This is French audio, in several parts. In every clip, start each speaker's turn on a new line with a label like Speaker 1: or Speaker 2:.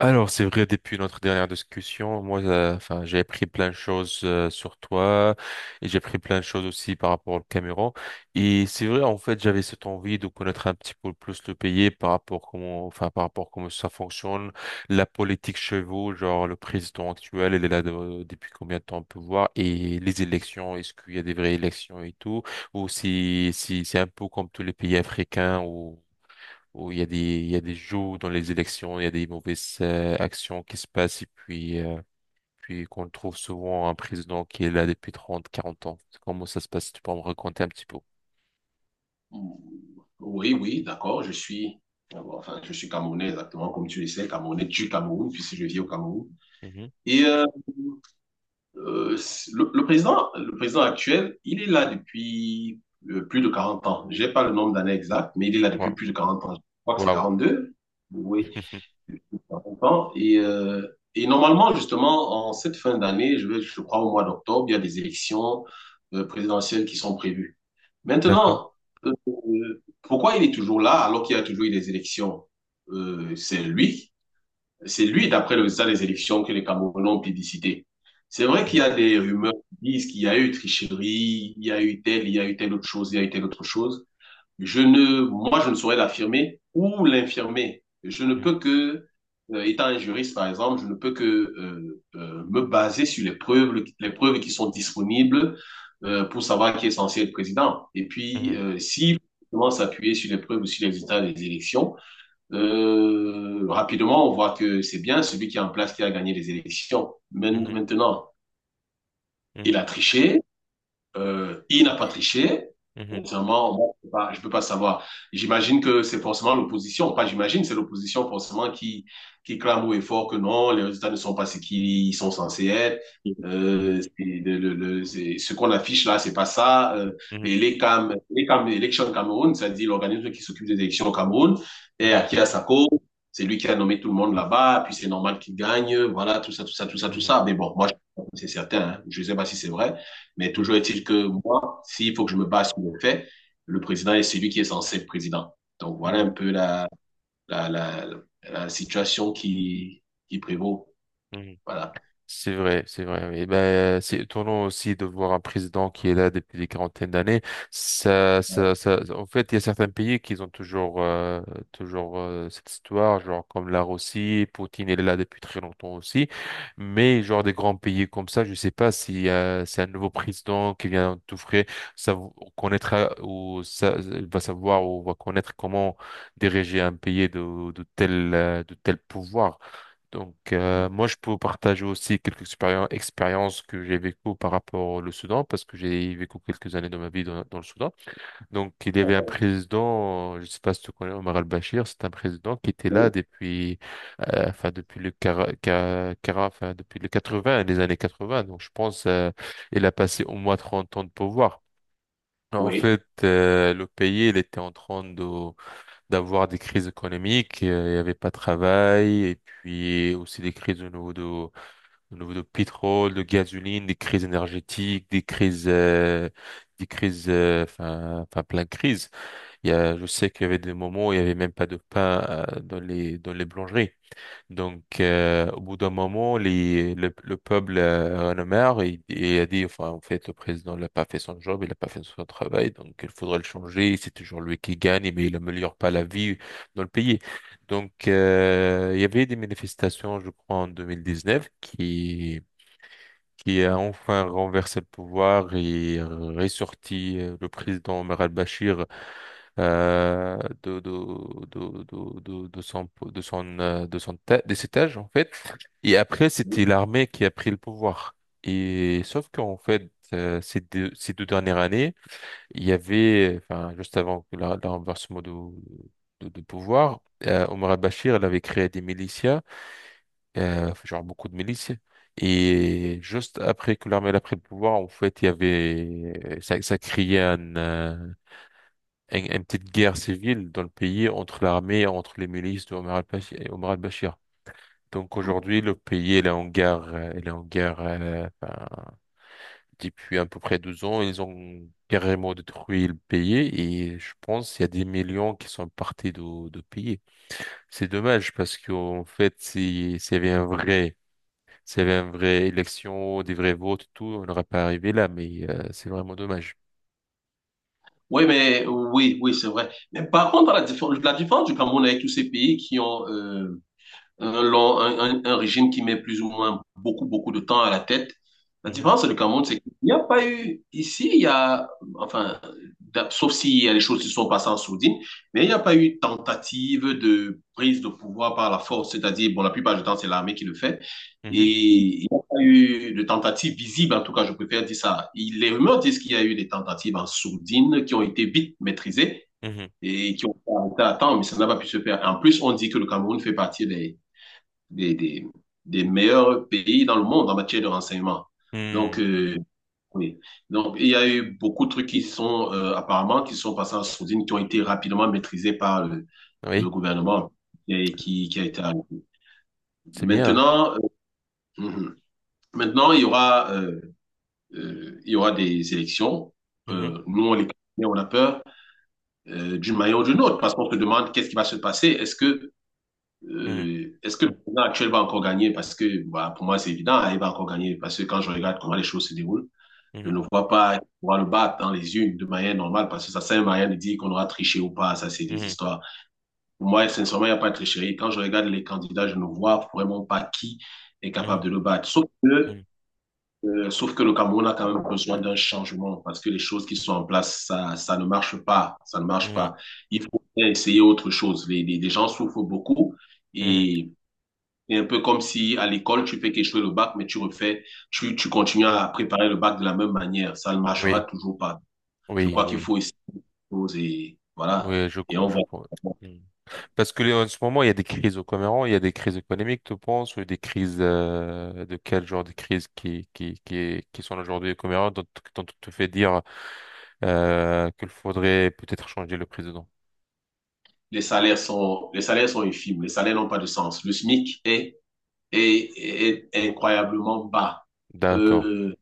Speaker 1: Alors, c'est vrai, depuis notre dernière discussion, moi, enfin, j'ai appris plein de choses sur toi et j'ai appris plein de choses aussi par rapport au Cameroun. Et c'est vrai, en fait, j'avais cette envie de connaître un petit peu plus le pays par rapport comment, enfin, par rapport comment ça fonctionne, la politique chez vous, genre le président actuel, il est là depuis combien de temps on peut voir, et les élections, est-ce qu'il y a des vraies élections et tout, ou si c'est un peu comme tous les pays africains où il y a des jeux dans les élections, il y a des mauvaises actions qui se passent. Et puis, puis qu'on trouve souvent un président qui est là depuis trente quarante ans. Comment ça se passe? Tu peux me raconter un petit peu?
Speaker 2: Oui, oui, d'accord, enfin, je suis Camerounais exactement, comme tu le sais, Camerounais du Cameroun, puisque je vis au Cameroun.
Speaker 1: Mhm.
Speaker 2: Et le président actuel, il est là depuis plus de 40 ans. Je n'ai pas le nombre d'années exactes, mais il est là depuis
Speaker 1: Wow.
Speaker 2: plus de 40 ans. Je crois que c'est
Speaker 1: Wow.
Speaker 2: 42. Oui. Pas longtemps. Et normalement, justement, en cette fin d'année, je crois au mois d'octobre, il y a des élections présidentielles qui sont prévues.
Speaker 1: D'accord.
Speaker 2: Maintenant, euh, pourquoi il est toujours là alors qu'il y a toujours eu des élections? Euh, c'est lui, c'est lui, d'après le résultat des élections, que les Camerounais ont plébiscité. C'est vrai qu'il y
Speaker 1: Mhm.
Speaker 2: a des rumeurs qui disent qu'il y a eu tricherie, il y a eu telle autre chose, il y a eu telle autre chose je ne, Moi, je ne saurais l'affirmer ou l'infirmer. Je ne peux que, étant un juriste, par exemple, je ne peux que me baser sur les preuves, qui sont disponibles pour savoir qui est censé être président. Et puis,
Speaker 1: Mhm.
Speaker 2: si on commence à s'appuyer sur les preuves ou sur les résultats des élections, rapidement, on voit que c'est bien celui qui est en place qui a gagné les élections.
Speaker 1: Mhm.
Speaker 2: Maintenant, il
Speaker 1: Mhm.
Speaker 2: a triché, il n'a pas triché.
Speaker 1: Mhm.
Speaker 2: Sincèrement, moi, je ne peux pas, je peux pas savoir. J'imagine que c'est forcément l'opposition. Pas j'imagine, c'est l'opposition forcément qui, clame haut et fort que non, les résultats ne sont pas ce qu'ils sont censés être. Ce qu'on affiche là, c'est pas ça. Et
Speaker 1: Mhm.
Speaker 2: les CAM, les CAM, Election Cameroun, c'est-à-dire l'organisme qui s'occupe des élections au Cameroun, et à
Speaker 1: Mhm.
Speaker 2: qui a sa cause. C'est lui qui a nommé tout le monde là-bas, puis c'est normal qu'il gagne. Voilà, tout ça, tout ça, tout ça, tout
Speaker 1: Mhm.
Speaker 2: ça. Mais bon, moi, c'est certain, hein. Je sais pas si c'est vrai. Mais
Speaker 1: Mhm.
Speaker 2: toujours est-il que moi, s'il faut que je me base sur les faits, le président est celui qui est censé être président. Donc
Speaker 1: Mhm.
Speaker 2: voilà un
Speaker 1: Mhm.
Speaker 2: peu la, la, la situation qui, prévaut.
Speaker 1: Mhm.
Speaker 2: Voilà.
Speaker 1: C'est vrai, c'est vrai. Oui. Et ben, c'est étonnant aussi de voir un président qui est là depuis des quarantaines d'années. Ça, en fait, il y a certains pays qui ont toujours, cette histoire, genre comme la Russie, Poutine est là depuis très longtemps aussi. Mais genre des grands pays comme ça, je sais pas si c'est un nouveau président qui vient tout frais, ça connaîtra, ou ça il va savoir, ou va connaître comment diriger un pays de tel pouvoir. Donc, moi, je peux vous partager aussi quelques expériences que j'ai vécues par rapport au Soudan, parce que j'ai vécu quelques années de ma vie dans le Soudan. Donc, il y avait un président, je ne sais pas si tu connais Omar al-Bashir, c'est un président qui était là depuis, enfin, depuis le quar- quar- quar- enfin, depuis les 80, les années 80. Donc, je pense, il a passé au moins 30 ans de pouvoir. En
Speaker 2: Oui.
Speaker 1: fait, le pays, il était en train de d'avoir des crises économiques, il n'y avait pas de travail, et puis aussi des crises au niveau de pétrole, de gasoline, des crises énergétiques, enfin, plein de crises. Je sais qu'il y avait des moments où il n'y avait même pas de pain, dans les boulangeries. Donc, au bout d'un moment, le peuple en a marre, et a dit, enfin, en fait, le président n'a pas fait son job, il n'a pas fait son travail, donc il faudrait le changer. C'est toujours lui qui gagne, mais il n'améliore pas la vie dans le pays. Donc, il y avait des manifestations, je crois, en 2019 qui a enfin renversé le pouvoir et ressorti le président Omar al-Bashir, euh, de cet âge, en fait. Et après, c'était l'armée qui a pris le pouvoir. Et sauf qu'en fait, ces deux dernières années, il y avait, enfin, juste avant que le renversement de pouvoir, Omar al-Bashir, elle avait créé des milicias, genre beaucoup de milices. Et juste après que l'armée elle a pris le pouvoir, en fait, il y avait, ça créait un, une petite guerre civile dans le pays entre l'armée et entre les milices de Omar al-Bashir. Omar al-Bashir. Donc aujourd'hui, le pays, il est en guerre, ben, depuis à peu près 12 ans. Ils ont carrément détruit le pays, et je pense qu'il y a des millions qui sont partis de pays. C'est dommage, parce qu'en fait, s'il y avait une vraie élection, des vrais votes et tout, on n'aurait pas arrivé là, mais c'est vraiment dommage.
Speaker 2: Oui, mais oui, oui, c'est vrai. Mais par contre, la différence du Cameroun avec tous ces pays qui ont un, long- un régime qui met plus ou moins beaucoup, beaucoup de temps à la tête. La
Speaker 1: Mhm,
Speaker 2: différence du Cameroun, c'est qu'il n'y a pas eu, ici, enfin, sauf s'il y a des choses qui sont passées en sourdine, mais il n'y a pas eu tentative de prise de pouvoir par la force, c'est-à-dire, bon, la plupart du temps, c'est l'armée qui le fait,
Speaker 1: mhm,
Speaker 2: et il n'y a pas eu de tentative visible, en tout cas, je préfère dire ça. Les rumeurs disent qu'il y a eu des tentatives en sourdine qui ont été vite maîtrisées
Speaker 1: mhm,
Speaker 2: et qui ont été arrêtées à temps, mais ça n'a pas pu se faire. En plus, on dit que le Cameroun fait partie des, des, des meilleurs pays dans le monde en matière de renseignement. Donc,
Speaker 1: mhm.
Speaker 2: oui. Donc, il y a eu beaucoup de trucs qui sont apparemment qui sont passés en sourdine, qui ont été rapidement maîtrisés par le
Speaker 1: Oui,
Speaker 2: gouvernement et qui, a été arrêté.
Speaker 1: c'est bien.
Speaker 2: Maintenant, mhm. maintenant il y aura des élections.
Speaker 1: Mhm,
Speaker 2: Nous, on les connaît, on a peur d'une manière ou d'une autre parce qu'on se demande qu'est-ce qui va se passer. Est-ce que
Speaker 1: mhm,
Speaker 2: Euh, est-ce que le président actuel va encore gagner? Parce que bah, pour moi, c'est évident, hein, il va encore gagner. Parce que quand je regarde comment les choses se déroulent, je
Speaker 1: mhm,
Speaker 2: ne vois pas pouvoir le battre dans les unes de manière normale. Parce que ça sert à rien de dire qu'on aura triché ou pas. Ça, c'est des
Speaker 1: mhm,
Speaker 2: histoires. Pour moi, sincèrement, il n'y a pas de tricherie. Quand je regarde les candidats, je ne vois vraiment pas qui est capable de le battre. Sauf que,
Speaker 1: mhm,
Speaker 2: euh, sauf que le Cameroun a quand même besoin d'un changement. Parce que les choses qui sont en place, ça ne marche pas. Ça ne marche
Speaker 1: mhm,
Speaker 2: pas. Il faut essayer autre chose. Les gens souffrent beaucoup.
Speaker 1: mhm, mhm.
Speaker 2: Et c'est un peu comme si à l'école, tu fais qu'échouer le bac, mais tu refais, tu continues à préparer le bac de la même manière. Ça ne marchera
Speaker 1: Oui,
Speaker 2: toujours pas. Je
Speaker 1: oui,
Speaker 2: crois qu'il
Speaker 1: oui,
Speaker 2: faut essayer des choses et voilà.
Speaker 1: oui,
Speaker 2: Et on
Speaker 1: je
Speaker 2: voit.
Speaker 1: pense. Mhm. Parce que là, en ce moment, il y a des crises au Cameroun, il y a des crises économiques, tu penses, ou des crises, de quel genre de crises qui sont aujourd'hui au Cameroun, dont tu te fais dire qu'il faudrait peut-être changer le président.
Speaker 2: Les salaires sont infimes. Les salaires n'ont pas de sens. Le SMIC est incroyablement bas.
Speaker 1: D'accord.
Speaker 2: Euh,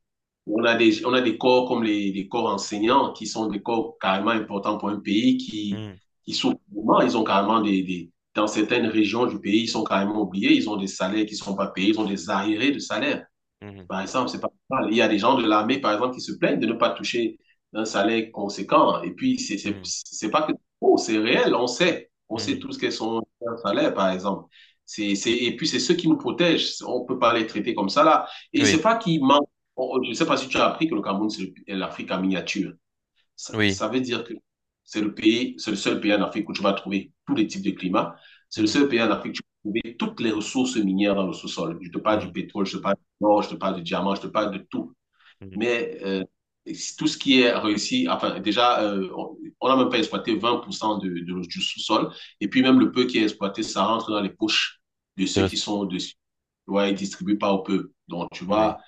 Speaker 2: on a des corps comme les corps enseignants qui sont des corps carrément importants pour un pays qui,
Speaker 1: Mhm,
Speaker 2: souffrent. Ils ont carrément des- Dans certaines régions du pays, ils sont carrément oubliés. Ils ont des salaires qui ne sont pas payés. Ils ont des arriérés de salaire.
Speaker 1: mhm,
Speaker 2: Par exemple, c'est pas normal. Il y a des gens de l'armée, par exemple, qui se plaignent de ne pas toucher un salaire conséquent. Et puis, c'est c'est-
Speaker 1: mhm,
Speaker 2: c'est pas que oh, c'est réel, on sait. On sait
Speaker 1: mhm.
Speaker 2: tous quels sont leurs salaires, par exemple. Et puis, c'est ceux qui nous protègent. On peut pas les traiter comme ça, là. Et c'est
Speaker 1: Oui,
Speaker 2: pas qu'ils manquent. Je sais pas si tu as appris que le Cameroun, c'est l'Afrique en miniature. Ça,
Speaker 1: oui.
Speaker 2: ça veut dire que c'est le seul pays en Afrique où tu vas trouver tous les types de climats. C'est le
Speaker 1: Mhm,
Speaker 2: seul pays en Afrique où tu vas trouver toutes les ressources minières dans le sous-sol. Je te parle du
Speaker 1: mhm,
Speaker 2: pétrole, je te parle du or, je te parle du diamant, je te parle de tout.
Speaker 1: mhm.
Speaker 2: Mais si tout ce qui est réussi, enfin, déjà, on n'a même pas exploité 20% du sous-sol. Et puis, même le peu qui est exploité, ça rentre dans les poches de
Speaker 1: Les
Speaker 2: ceux
Speaker 1: res-
Speaker 2: qui sont dessus. Ouais, ils distribuent pas au peuple. Donc, tu
Speaker 1: Oui,
Speaker 2: vois,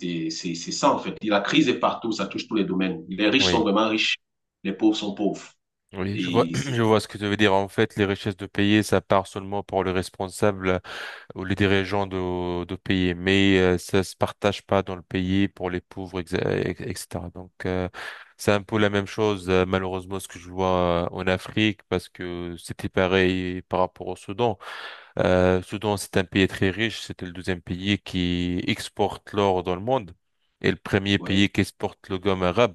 Speaker 2: et c'est ça, en fait. La crise est partout, ça touche tous les domaines. Les riches sont
Speaker 1: oui,
Speaker 2: vraiment riches, les pauvres sont pauvres.
Speaker 1: oui. Je vois,
Speaker 2: Et c'est,
Speaker 1: je vois ce que tu veux dire. En fait, les richesses de pays, ça part seulement pour les responsables ou les dirigeants de pays, mais ça se partage pas dans le pays pour les pauvres, etc. Donc, c'est un peu la même chose, malheureusement, ce que je vois en Afrique, parce que c'était pareil par rapport au Soudan. Soudan, c'est un pays très riche. C'était le deuxième pays qui exporte l'or dans le monde, et le premier pays
Speaker 2: ouais,
Speaker 1: qui exporte le gomme arabe.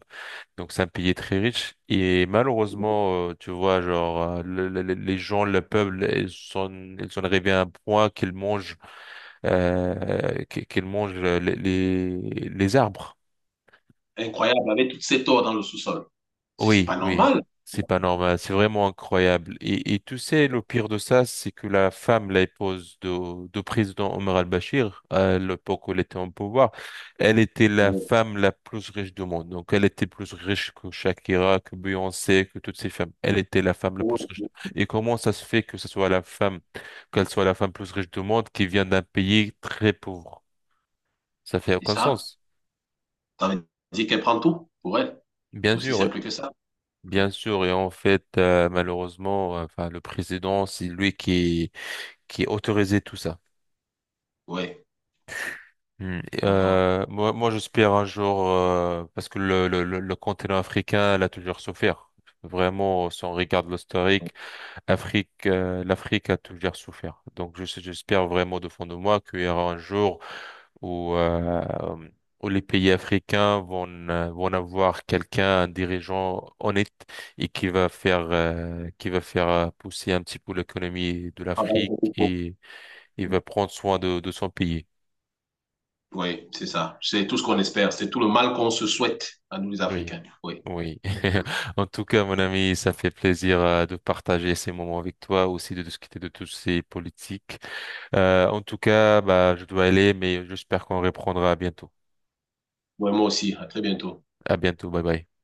Speaker 1: Donc, c'est un pays très riche. Et malheureusement, tu vois, genre, les gens, le peuple, ils sont arrivés à un point qu'ils mangent, qu'ils mangent les arbres.
Speaker 2: incroyable, avec toutes ces torts dans le sous-sol. C'est
Speaker 1: Oui,
Speaker 2: pas
Speaker 1: oui,
Speaker 2: normal.
Speaker 1: c'est pas normal, c'est vraiment incroyable. Et tu sais, le pire de ça, c'est que la femme, la épouse de président Omar al-Bashir, à l'époque où elle était en pouvoir, elle était la
Speaker 2: Oh,
Speaker 1: femme la plus riche du monde. Donc, elle était plus riche que Shakira, que Beyoncé, que toutes ces femmes. Elle était la femme la plus riche.
Speaker 2: oh,
Speaker 1: Et comment ça se fait que ce soit la femme, qu'elle soit la femme plus riche du monde, qui vient d'un pays très pauvre? Ça fait
Speaker 2: c'est
Speaker 1: aucun
Speaker 2: ça.
Speaker 1: sens.
Speaker 2: Ça veut dire qu'elle prend tout pour elle.
Speaker 1: Bien
Speaker 2: C'est aussi
Speaker 1: sûr,
Speaker 2: simple que ça.
Speaker 1: bien sûr, et en fait, malheureusement, enfin, le président, c'est lui qui autorisait tout ça.
Speaker 2: Ouais, je
Speaker 1: Hmm. Et,
Speaker 2: comprends.
Speaker 1: moi, j'espère un jour, parce que le continent africain, elle a toujours souffert. Vraiment, si on regarde l'historique, l'Afrique a toujours souffert. Donc, j'espère vraiment de fond de moi qu'il y aura un jour où, euh, où les pays africains vont, avoir quelqu'un, un dirigeant honnête, et qui va faire pousser un petit peu l'économie de
Speaker 2: Travail
Speaker 1: l'Afrique,
Speaker 2: pour
Speaker 1: et il va prendre soin de son pays.
Speaker 2: tout. Ouais, c'est ça. C'est tout ce qu'on espère. C'est tout le mal qu'on se souhaite à nous, les
Speaker 1: Oui,
Speaker 2: Africains. Oui.
Speaker 1: oui. En tout cas, mon ami, ça fait plaisir, de partager ces moments avec toi, aussi de discuter de tous ces politiques. En tout cas, bah, je dois aller, mais j'espère qu'on reprendra bientôt.
Speaker 2: Ouais, moi aussi. À très bientôt.
Speaker 1: À bientôt. Bye bye.